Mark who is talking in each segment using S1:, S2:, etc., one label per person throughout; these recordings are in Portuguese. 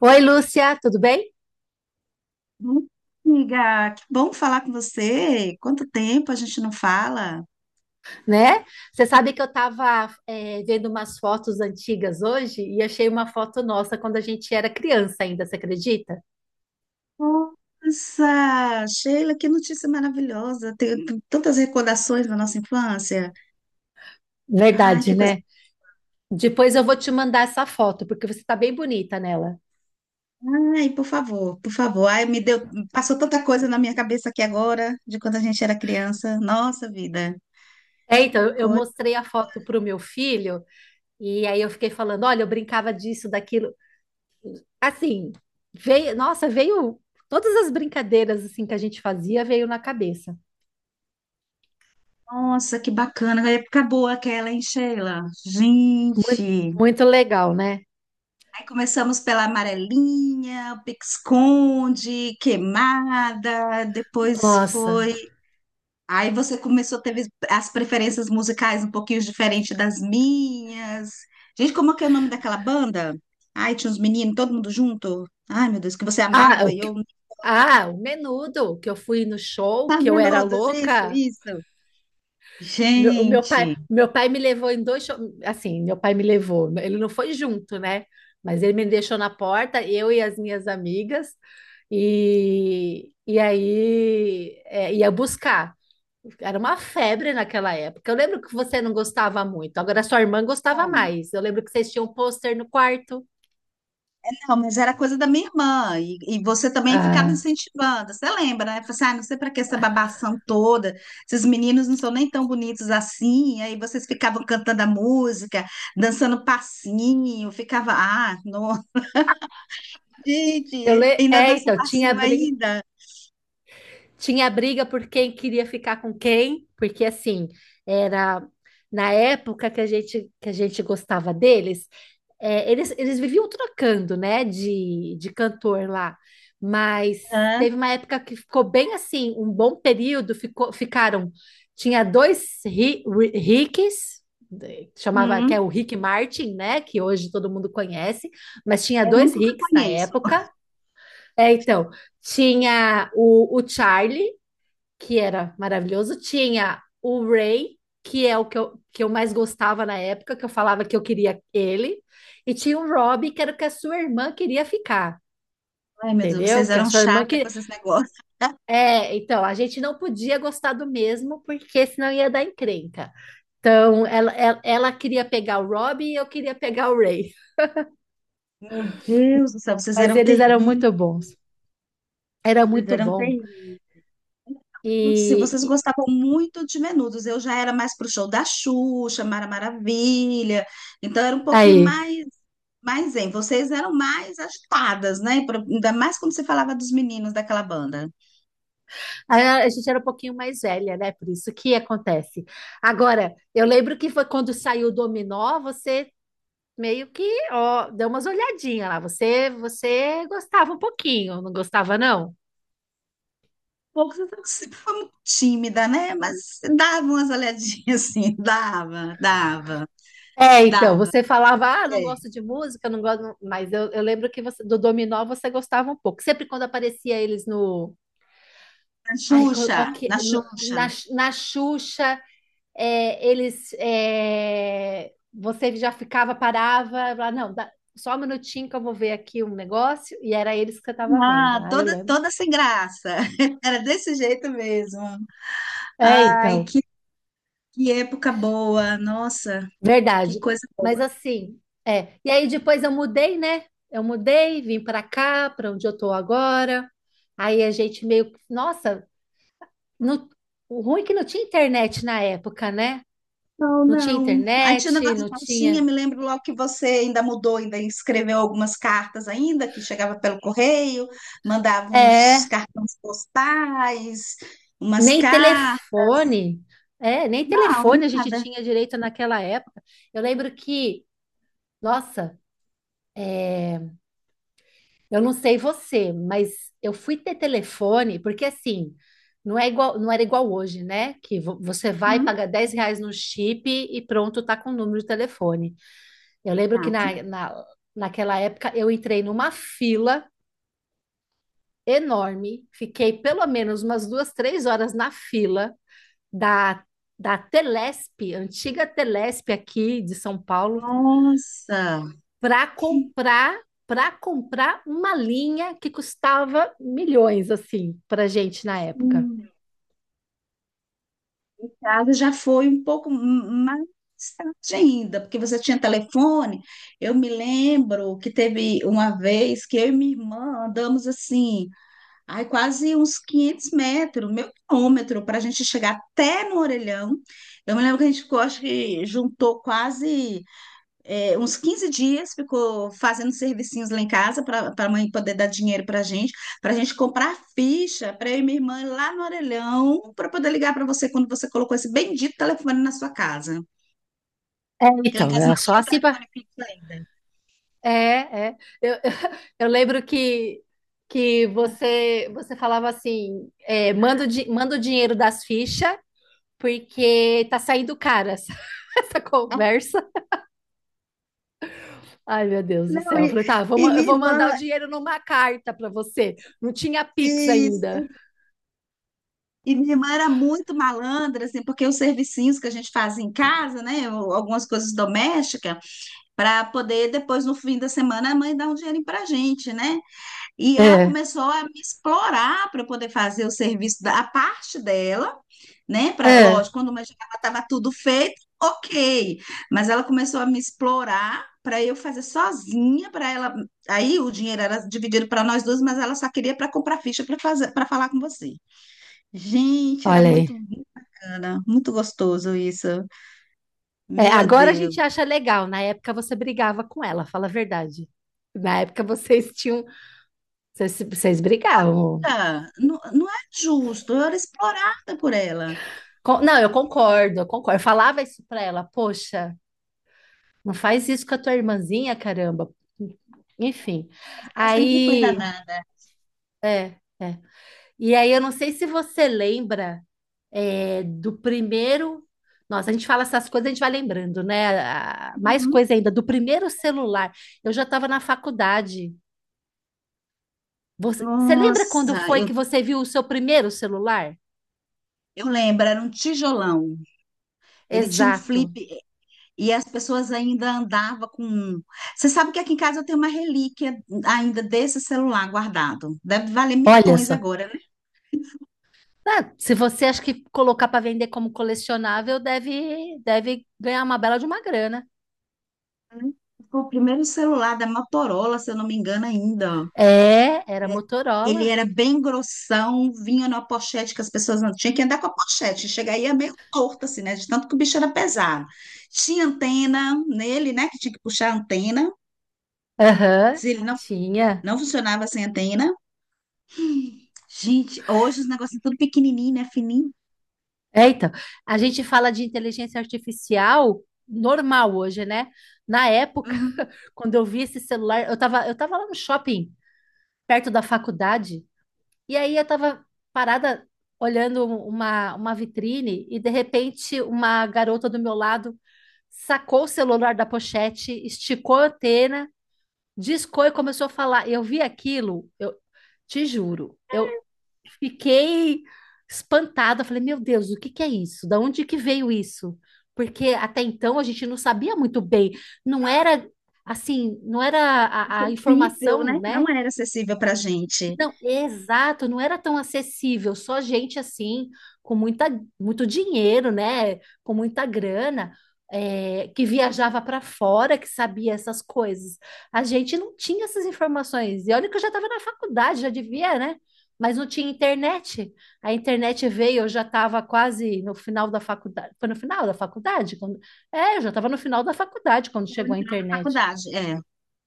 S1: Oi, Lúcia, tudo bem?
S2: Bom, amiga, que bom falar com você. Quanto tempo a gente não fala?
S1: Né? Você sabe que eu estava vendo umas fotos antigas hoje e achei uma foto nossa quando a gente era criança ainda, você acredita?
S2: Nossa, Sheila, que notícia maravilhosa. Tenho tantas recordações da nossa infância. Ai,
S1: Verdade,
S2: que coisa.
S1: né? Depois eu vou te mandar essa foto, porque você está bem bonita nela.
S2: Ai, por favor, por favor. Ai, me deu, passou tanta coisa na minha cabeça aqui agora, de quando a gente era criança. Nossa vida.
S1: É, então, eu
S2: Coisa.
S1: mostrei a foto para o meu filho e aí eu fiquei falando, olha, eu brincava disso, daquilo. Assim, veio, nossa, veio todas as brincadeiras assim que a gente fazia veio na cabeça.
S2: Nossa, que bacana. A época boa aquela, hein, Sheila?
S1: Muito,
S2: Gente.
S1: muito legal, né?
S2: Aí começamos pela amarelinha, pique-esconde, queimada, depois
S1: Nossa.
S2: foi. Aí você começou, teve as preferências musicais um pouquinho diferentes das minhas. Gente, como é que é o nome daquela banda? Ai, tinha uns meninos, todo mundo junto. Ai, meu Deus, que você
S1: Ah,
S2: amava e eu.
S1: Ah, o Menudo, que eu fui no show,
S2: Ah,
S1: que eu era
S2: menudos, isso,
S1: louca.
S2: isso.
S1: Meu, o
S2: Gente.
S1: meu pai me levou em dois shows. Assim, meu pai me levou. Ele não foi junto, né? Mas ele me deixou na porta, eu e as minhas amigas, e aí é, ia buscar. Era uma febre naquela época. Eu lembro que você não gostava muito, agora sua irmã gostava mais. Eu lembro que vocês tinham um pôster no quarto.
S2: Não, mas era coisa da minha irmã, e você também ficava
S1: Ah,
S2: incentivando. Você lembra, né? Falei assim, ah, não sei para que essa babação toda, esses meninos não são nem tão bonitos assim. Aí vocês ficavam cantando a música, dançando passinho, ficava, ah, não, gente, ainda
S1: é,
S2: dança
S1: então, tinha
S2: passinho
S1: briga.
S2: ainda.
S1: Tinha briga por quem queria ficar com quem, porque assim, era na época que a gente gostava deles, é, eles viviam trocando, né, de cantor lá, mas
S2: Hã?
S1: teve uma época que ficou bem assim, um bom período, ficou, ficaram, tinha Ricks, chamava, que é o
S2: Hum,
S1: Rick Martin, né, que hoje todo mundo conhece, mas tinha
S2: é o
S1: dois
S2: único que eu
S1: Ricks na
S2: conheço.
S1: época, é, então, tinha o Charlie, que era maravilhoso. Tinha o Ray, que é o que eu mais gostava na época, que eu falava que eu queria ele. E tinha o Rob, que era o que a sua irmã queria ficar.
S2: Ai, meu Deus,
S1: Entendeu?
S2: vocês
S1: Que a
S2: eram
S1: sua irmã
S2: chata com
S1: que
S2: esses negócios.
S1: É, então a gente não podia gostar do mesmo porque senão ia dar encrenca. Então ela queria pegar o Rob e eu queria pegar o Ray,
S2: Meu Deus do céu, vocês
S1: mas
S2: eram
S1: eles eram
S2: terríveis,
S1: muito bons, era
S2: vocês
S1: muito
S2: eram
S1: bom.
S2: terríveis. Se vocês
S1: E-
S2: gostavam muito de Menudos, eu já era mais pro show da Xuxa, Mara Maravilha, então era um pouquinho
S1: aí
S2: mais, mais em. Vocês eram mais agitadas, né? Ainda mais quando você falava dos meninos daquela banda.
S1: A a gente era um pouquinho mais velha, né? Por isso que acontece. Agora, eu lembro que foi quando saiu o Dominó, você meio que, ó, deu umas olhadinhas lá. Você gostava um pouquinho, não gostava, não?
S2: Pouco, você sempre foi muito tímida, né? Mas dava umas olhadinhas assim, dava, dava,
S1: É, então,
S2: dava.
S1: você falava, ah, não
S2: Sei.
S1: gosto de música, não gosto, mas eu lembro que você- do Dominó você gostava um pouco. Sempre quando aparecia eles no,
S2: Na
S1: ai, qual,
S2: Xuxa,
S1: qual que,
S2: na
S1: no-
S2: Xuxa.
S1: na, na Xuxa, é, eles é, você já ficava, parava, lá, não, só um minutinho que eu vou ver aqui um negócio, e era eles que eu estava vendo.
S2: Ah,
S1: Ah, eu
S2: toda,
S1: lembro.
S2: toda sem graça. Era desse jeito mesmo.
S1: É,
S2: Ai,
S1: então,
S2: que época boa, nossa,
S1: verdade.
S2: que coisa
S1: Mas
S2: boa.
S1: assim, é. E aí depois eu mudei, né? Eu mudei, vim para cá, para onde eu tô agora. Aí a gente meio, que- nossa, no- o ruim é que não tinha internet na época, né?
S2: Não,
S1: Não tinha
S2: não. Aí tinha o
S1: internet,
S2: negócio da
S1: não
S2: cartinha,
S1: tinha.
S2: me lembro logo que você ainda mudou, ainda escreveu algumas cartas ainda, que chegava pelo correio, mandava uns
S1: É,
S2: cartões postais, umas
S1: nem
S2: cartas.
S1: telefone. É, nem
S2: Não,
S1: telefone a gente
S2: nada.
S1: tinha direito naquela época. Eu lembro que, nossa, eu não sei você, mas eu fui ter telefone, porque assim, não é igual, não era igual hoje, né? Que você vai
S2: Hum,
S1: pagar 10 reais no chip e pronto, tá com o número de telefone. Eu lembro que
S2: gato.
S1: naquela época eu entrei numa fila enorme, fiquei pelo menos umas duas, 3 horas na fila da, da Telesp, antiga Telesp aqui de São Paulo,
S2: Nossa.
S1: para comprar para comprar uma linha que custava milhões assim para gente na época.
S2: Casa já foi um pouco mais tarde ainda, porque você tinha telefone. Eu me lembro que teve uma vez que eu e minha irmã andamos assim, ai, quase uns 500 metros, meio quilômetro, para a gente chegar até no Orelhão. Eu me lembro que a gente ficou, acho que juntou quase uns 15 dias, ficou fazendo servicinhos lá em casa para a mãe poder dar dinheiro para a gente comprar ficha para eu e minha irmã ir lá no orelhão, para poder ligar para você quando você colocou esse bendito telefone na sua casa.
S1: É,
S2: Porque lá em
S1: então,
S2: casa
S1: era
S2: não
S1: só
S2: tinha
S1: assim para.
S2: telefone fixo ainda.
S1: É, é. Eu, eu lembro que que você falava assim, é, manda manda o dinheiro das fichas porque tá saindo cara essa, essa
S2: Ah,
S1: conversa. Ai, meu Deus do
S2: não,
S1: céu. Eu
S2: e,
S1: falei, tá,
S2: e
S1: eu
S2: minha
S1: vou mandar
S2: irmã,
S1: o dinheiro numa carta para você. Não tinha Pix
S2: isso.
S1: ainda.
S2: E minha irmã era muito malandra, assim, porque os servicinhos que a gente faz em casa, né, ou algumas coisas domésticas, para poder depois, no fim da semana, a mãe dar um dinheirinho para a gente, né? E ela
S1: É,
S2: começou a me explorar para poder fazer o serviço da a parte dela, né? Pra,
S1: é,
S2: lógico, quando eu já estava tudo feito, ok. Mas ela começou a me explorar para eu fazer sozinha, para ela. Aí o dinheiro era dividido para nós duas, mas ela só queria para comprar ficha para fazer, para falar com você. Gente, era
S1: olha aí.
S2: muito bacana, muito gostoso isso.
S1: É,
S2: Meu
S1: agora a
S2: Deus.
S1: gente acha legal. Na época você brigava com ela, fala a verdade. Na época vocês tinham. Vocês brigavam.
S2: Ah, não, não é justo, eu era explorada por ela.
S1: Não, eu concordo. Eu falava isso pra ela, poxa, não faz isso com a tua irmãzinha, caramba. Enfim.
S2: Ela sempre foi
S1: Aí.
S2: danada.
S1: É, é. E aí, eu não sei se você lembra é, do primeiro. Nossa, a gente fala essas coisas, a gente vai lembrando, né? A- Mais
S2: Uhum.
S1: coisa ainda, do primeiro celular. Eu já estava na faculdade. Você lembra quando
S2: Nossa,
S1: foi que você viu o seu primeiro celular?
S2: eu lembro, era um tijolão. Ele tinha um flip
S1: Exato.
S2: e as pessoas ainda andavam com um. Você sabe que aqui em casa eu tenho uma relíquia ainda desse celular guardado. Deve valer
S1: Olha
S2: milhões
S1: só.
S2: agora, né?
S1: Ah, se você acha que colocar para vender como colecionável, deve ganhar uma bela de uma grana.
S2: Foi o primeiro celular da Motorola, se eu não me engano, ainda.
S1: É, era
S2: Ele é-
S1: Motorola.
S2: ele era bem grossão, vinha numa pochete que as pessoas não tinham que andar com a pochete. Chega aí é meio torto, assim, né? De tanto que o bicho era pesado. Tinha antena nele, né? Que tinha que puxar a antena.
S1: Aham,
S2: Se ele não,
S1: tinha.
S2: não funcionava sem antena. Gente, hoje os negócios são tudo pequenininho, né? Fininho.
S1: É, então, a gente fala de inteligência artificial normal hoje, né? Na época,
S2: Uhum.
S1: quando eu vi esse celular, eu tava lá no shopping, perto da faculdade, e aí eu tava parada olhando uma vitrine e de repente uma garota do meu lado sacou o celular da pochete, esticou a antena discou e começou a falar. Eu vi aquilo, eu te juro, eu fiquei espantada. Eu falei, meu Deus, o que que é isso? Da onde que veio isso? Porque até então a gente não sabia muito bem, não era assim, não era a
S2: Acessível,
S1: informação,
S2: né? Não
S1: né?
S2: era acessível pra gente.
S1: Não, exato, não era tão acessível, só gente assim, com muita, muito dinheiro, né? Com muita grana, é, que viajava para fora, que sabia essas coisas. A gente não tinha essas informações. E olha que eu já estava na faculdade, já devia, né? Mas não tinha internet. A internet veio, eu já estava quase no final da faculdade. Foi no final da faculdade? Quando... É, eu já estava no final da faculdade quando
S2: Foi
S1: chegou
S2: no
S1: a
S2: final da
S1: internet.
S2: faculdade, é.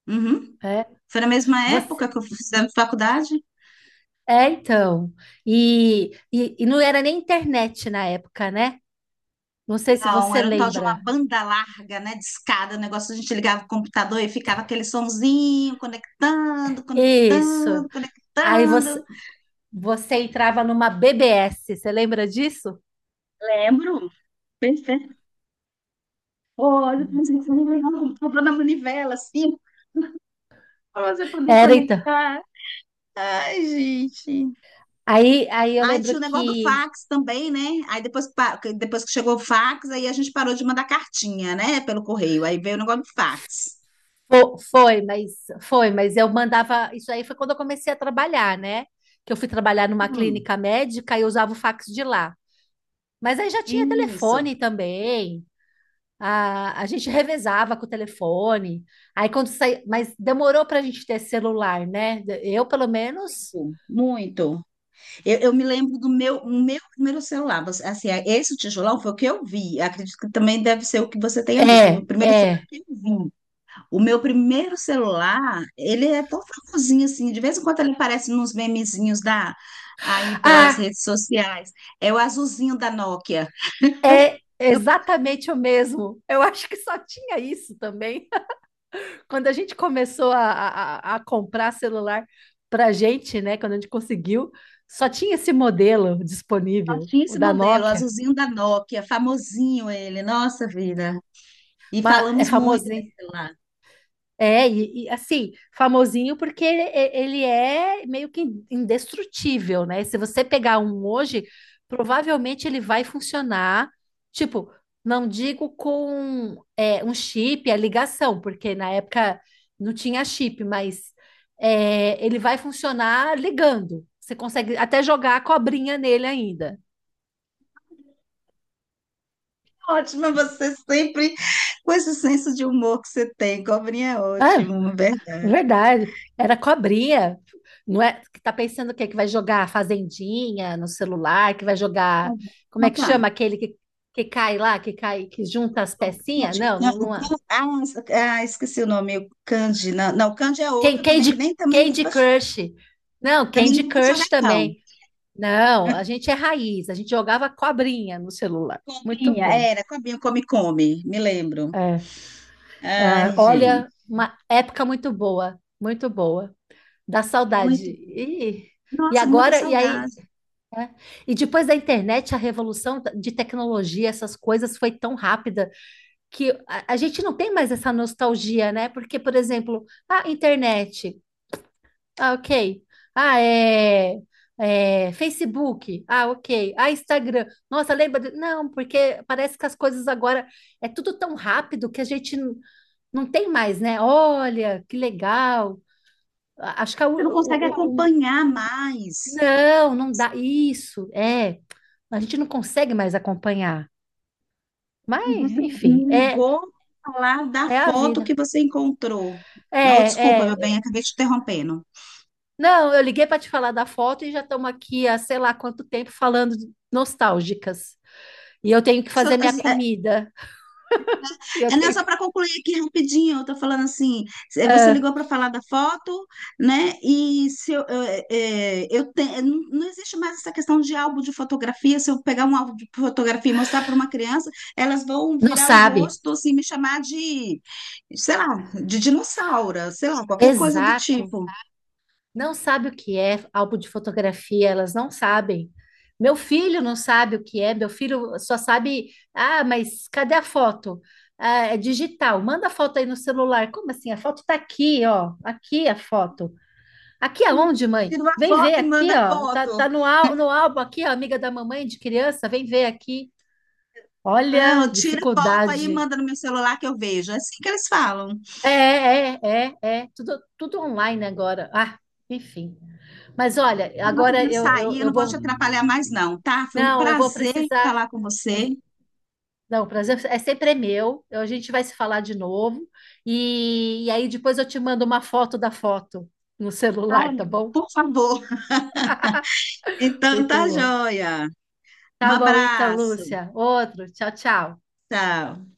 S2: Uhum.
S1: É.
S2: Foi na mesma
S1: Você.
S2: época que eu fizemos faculdade?
S1: É, então. E não era nem internet na época, né? Não sei se
S2: Não,
S1: você
S2: era um tal de uma
S1: lembra.
S2: banda larga, né? Discada, o negócio a gente ligava o computador e ficava aquele sonzinho conectando,
S1: Isso.
S2: conectando,
S1: Aí você,
S2: conectando.
S1: você entrava numa BBS, você lembra disso?
S2: Lembro. Perfeito. Olha, pensei que você ligava o computador na manivela, assim, pra você poder
S1: Era, então.
S2: conectar. Ai, gente.
S1: Aí eu
S2: Aí tinha
S1: lembro
S2: o negócio do
S1: que
S2: fax também, né? Aí depois, depois que chegou o fax, aí a gente parou de mandar cartinha, né? Pelo correio. Aí veio o negócio do fax.
S1: fo- foi, mas foi, mas eu mandava. Isso aí foi quando eu comecei a trabalhar, né? Que eu fui trabalhar numa
S2: Hum,
S1: clínica médica e eu usava o fax de lá. Mas aí já tinha
S2: isso.
S1: telefone também. A gente revezava com o telefone. Aí quando saía, mas demorou para a gente ter celular, né? Eu, pelo menos.
S2: Muito. Eu me lembro do meu, o meu primeiro celular. Você. Assim, é, esse tijolão foi o que eu vi. Acredito que também deve ser o que você tenha visto. O meu
S1: É,
S2: primeiro celular
S1: é.
S2: que eu vi. O meu primeiro celular, ele é tão famosinho assim. De vez em quando ele aparece nos memezinhos da, aí pelas
S1: Ah,
S2: redes sociais. É o azulzinho da Nokia.
S1: é exatamente o mesmo. Eu acho que só tinha isso também. Quando a gente começou a comprar celular para gente, né? Quando a gente conseguiu, só tinha esse modelo disponível,
S2: Tinha
S1: o
S2: esse
S1: da
S2: modelo, o
S1: Nokia.
S2: azulzinho da Nokia, famosinho ele, nossa vida. E
S1: Mas é
S2: falamos
S1: famoso.
S2: muito nesse celular.
S1: É, assim, famosinho porque ele é meio que indestrutível, né? Se você pegar um hoje, provavelmente ele vai funcionar, tipo, não digo com é, um chip, a ligação, porque na época não tinha chip, mas é, ele vai funcionar ligando. Você consegue até jogar a cobrinha nele ainda.
S2: Ótimo, você sempre com esse senso de humor que você tem, cobrinha é
S1: É,
S2: ótimo, verdade.
S1: verdade, era cobrinha, não é? Que tá pensando o quê? Que vai jogar fazendinha no celular, que vai jogar, como é
S2: Então
S1: que chama
S2: tá.
S1: aquele que cai lá, que cai, que junta as pecinhas?
S2: Candy,
S1: Não, não, não é.
S2: Ah, ah, esqueci o nome, o Candy, não, não, o Candy é outro também que
S1: Candy,
S2: nem também,
S1: Candy Crush. Não,
S2: também
S1: Candy
S2: não vou jogar
S1: Crush
S2: não.
S1: também. Não, a gente é raiz, a gente jogava cobrinha no celular. Muito
S2: Cobrinha,
S1: bom.
S2: era, cobrinha, come, come, me lembro.
S1: É. Ah,
S2: Ai, gente,
S1: olha, uma época muito boa, muito boa. Dá saudade.
S2: muito,
S1: E
S2: nossa, muita
S1: agora, e aí,
S2: saudade.
S1: é. E depois da internet, a revolução de tecnologia, essas coisas foi tão rápida que a gente não tem mais essa nostalgia, né? Porque, por exemplo, a internet, ah, ok. Ah, Facebook, ah, ok. Ah, Instagram. Nossa, Não, porque parece que as coisas agora é tudo tão rápido que a gente não tem mais, né? Olha, que legal. A- Acho que
S2: Você não consegue acompanhar mais.
S1: não, não dá. Isso, é. A gente não consegue mais acompanhar.
S2: E
S1: Mas,
S2: você
S1: enfim,
S2: me
S1: é,
S2: ligou pra falar da
S1: é a
S2: foto que
S1: vida.
S2: você encontrou.
S1: É,
S2: Não, desculpa,
S1: é,
S2: meu bem,
S1: é.
S2: acabei te interrompendo.
S1: Não, eu liguei para te falar da foto e já estamos aqui há sei lá quanto tempo falando nostálgicas. E eu tenho que
S2: Só,
S1: fazer minha
S2: assim, é,
S1: comida. E eu
S2: é não,
S1: tenho
S2: só
S1: que.
S2: para concluir aqui rapidinho, eu tô falando assim, você
S1: Ah,
S2: ligou para falar da foto, né? E se eu, eu, eh, eu te- não, não existe mais essa questão de álbum de fotografia. Se eu pegar um álbum de fotografia e mostrar para uma criança, elas vão
S1: não
S2: virar o
S1: sabe?
S2: rosto assim, me chamar de, sei lá, de dinossauro, sei lá, qualquer coisa do
S1: Exato.
S2: tipo.
S1: Não sabe o que é álbum de fotografia, elas não sabem. Meu filho não sabe o que é, meu filho só sabe, ah, mas cadê a foto? Ah, é digital, manda a foto aí no celular. Como assim? A foto tá aqui, ó. Aqui a foto. Aqui aonde, mãe?
S2: Tira uma
S1: Vem
S2: foto
S1: ver
S2: e
S1: aqui,
S2: manda
S1: ó. Tá,
S2: foto.
S1: tá no, no álbum aqui, ó, amiga da mamãe de criança, vem ver aqui. Olha,
S2: Não, tira foto aí e
S1: dificuldade.
S2: manda no meu celular que eu vejo. É assim que eles falam.
S1: É, é, é, é. Tudo, tudo online agora. Ah, enfim. Mas olha,
S2: Eu tô
S1: agora
S2: querendo
S1: eu, eu,
S2: sair, eu
S1: eu
S2: não vou
S1: vou.
S2: te atrapalhar mais, não, tá? Foi um
S1: Não, eu vou
S2: prazer
S1: precisar.
S2: falar com você.
S1: eu- não, o prazer é sempre é meu. Eu- A gente vai se falar de novo. E aí depois eu te mando uma foto da foto no
S2: Tá?
S1: celular, tá bom?
S2: Por favor. Então
S1: Muito
S2: tá
S1: bom.
S2: joia. Um
S1: Tá bom, então,
S2: abraço.
S1: Lúcia. Outro. Tchau, tchau.
S2: Tchau.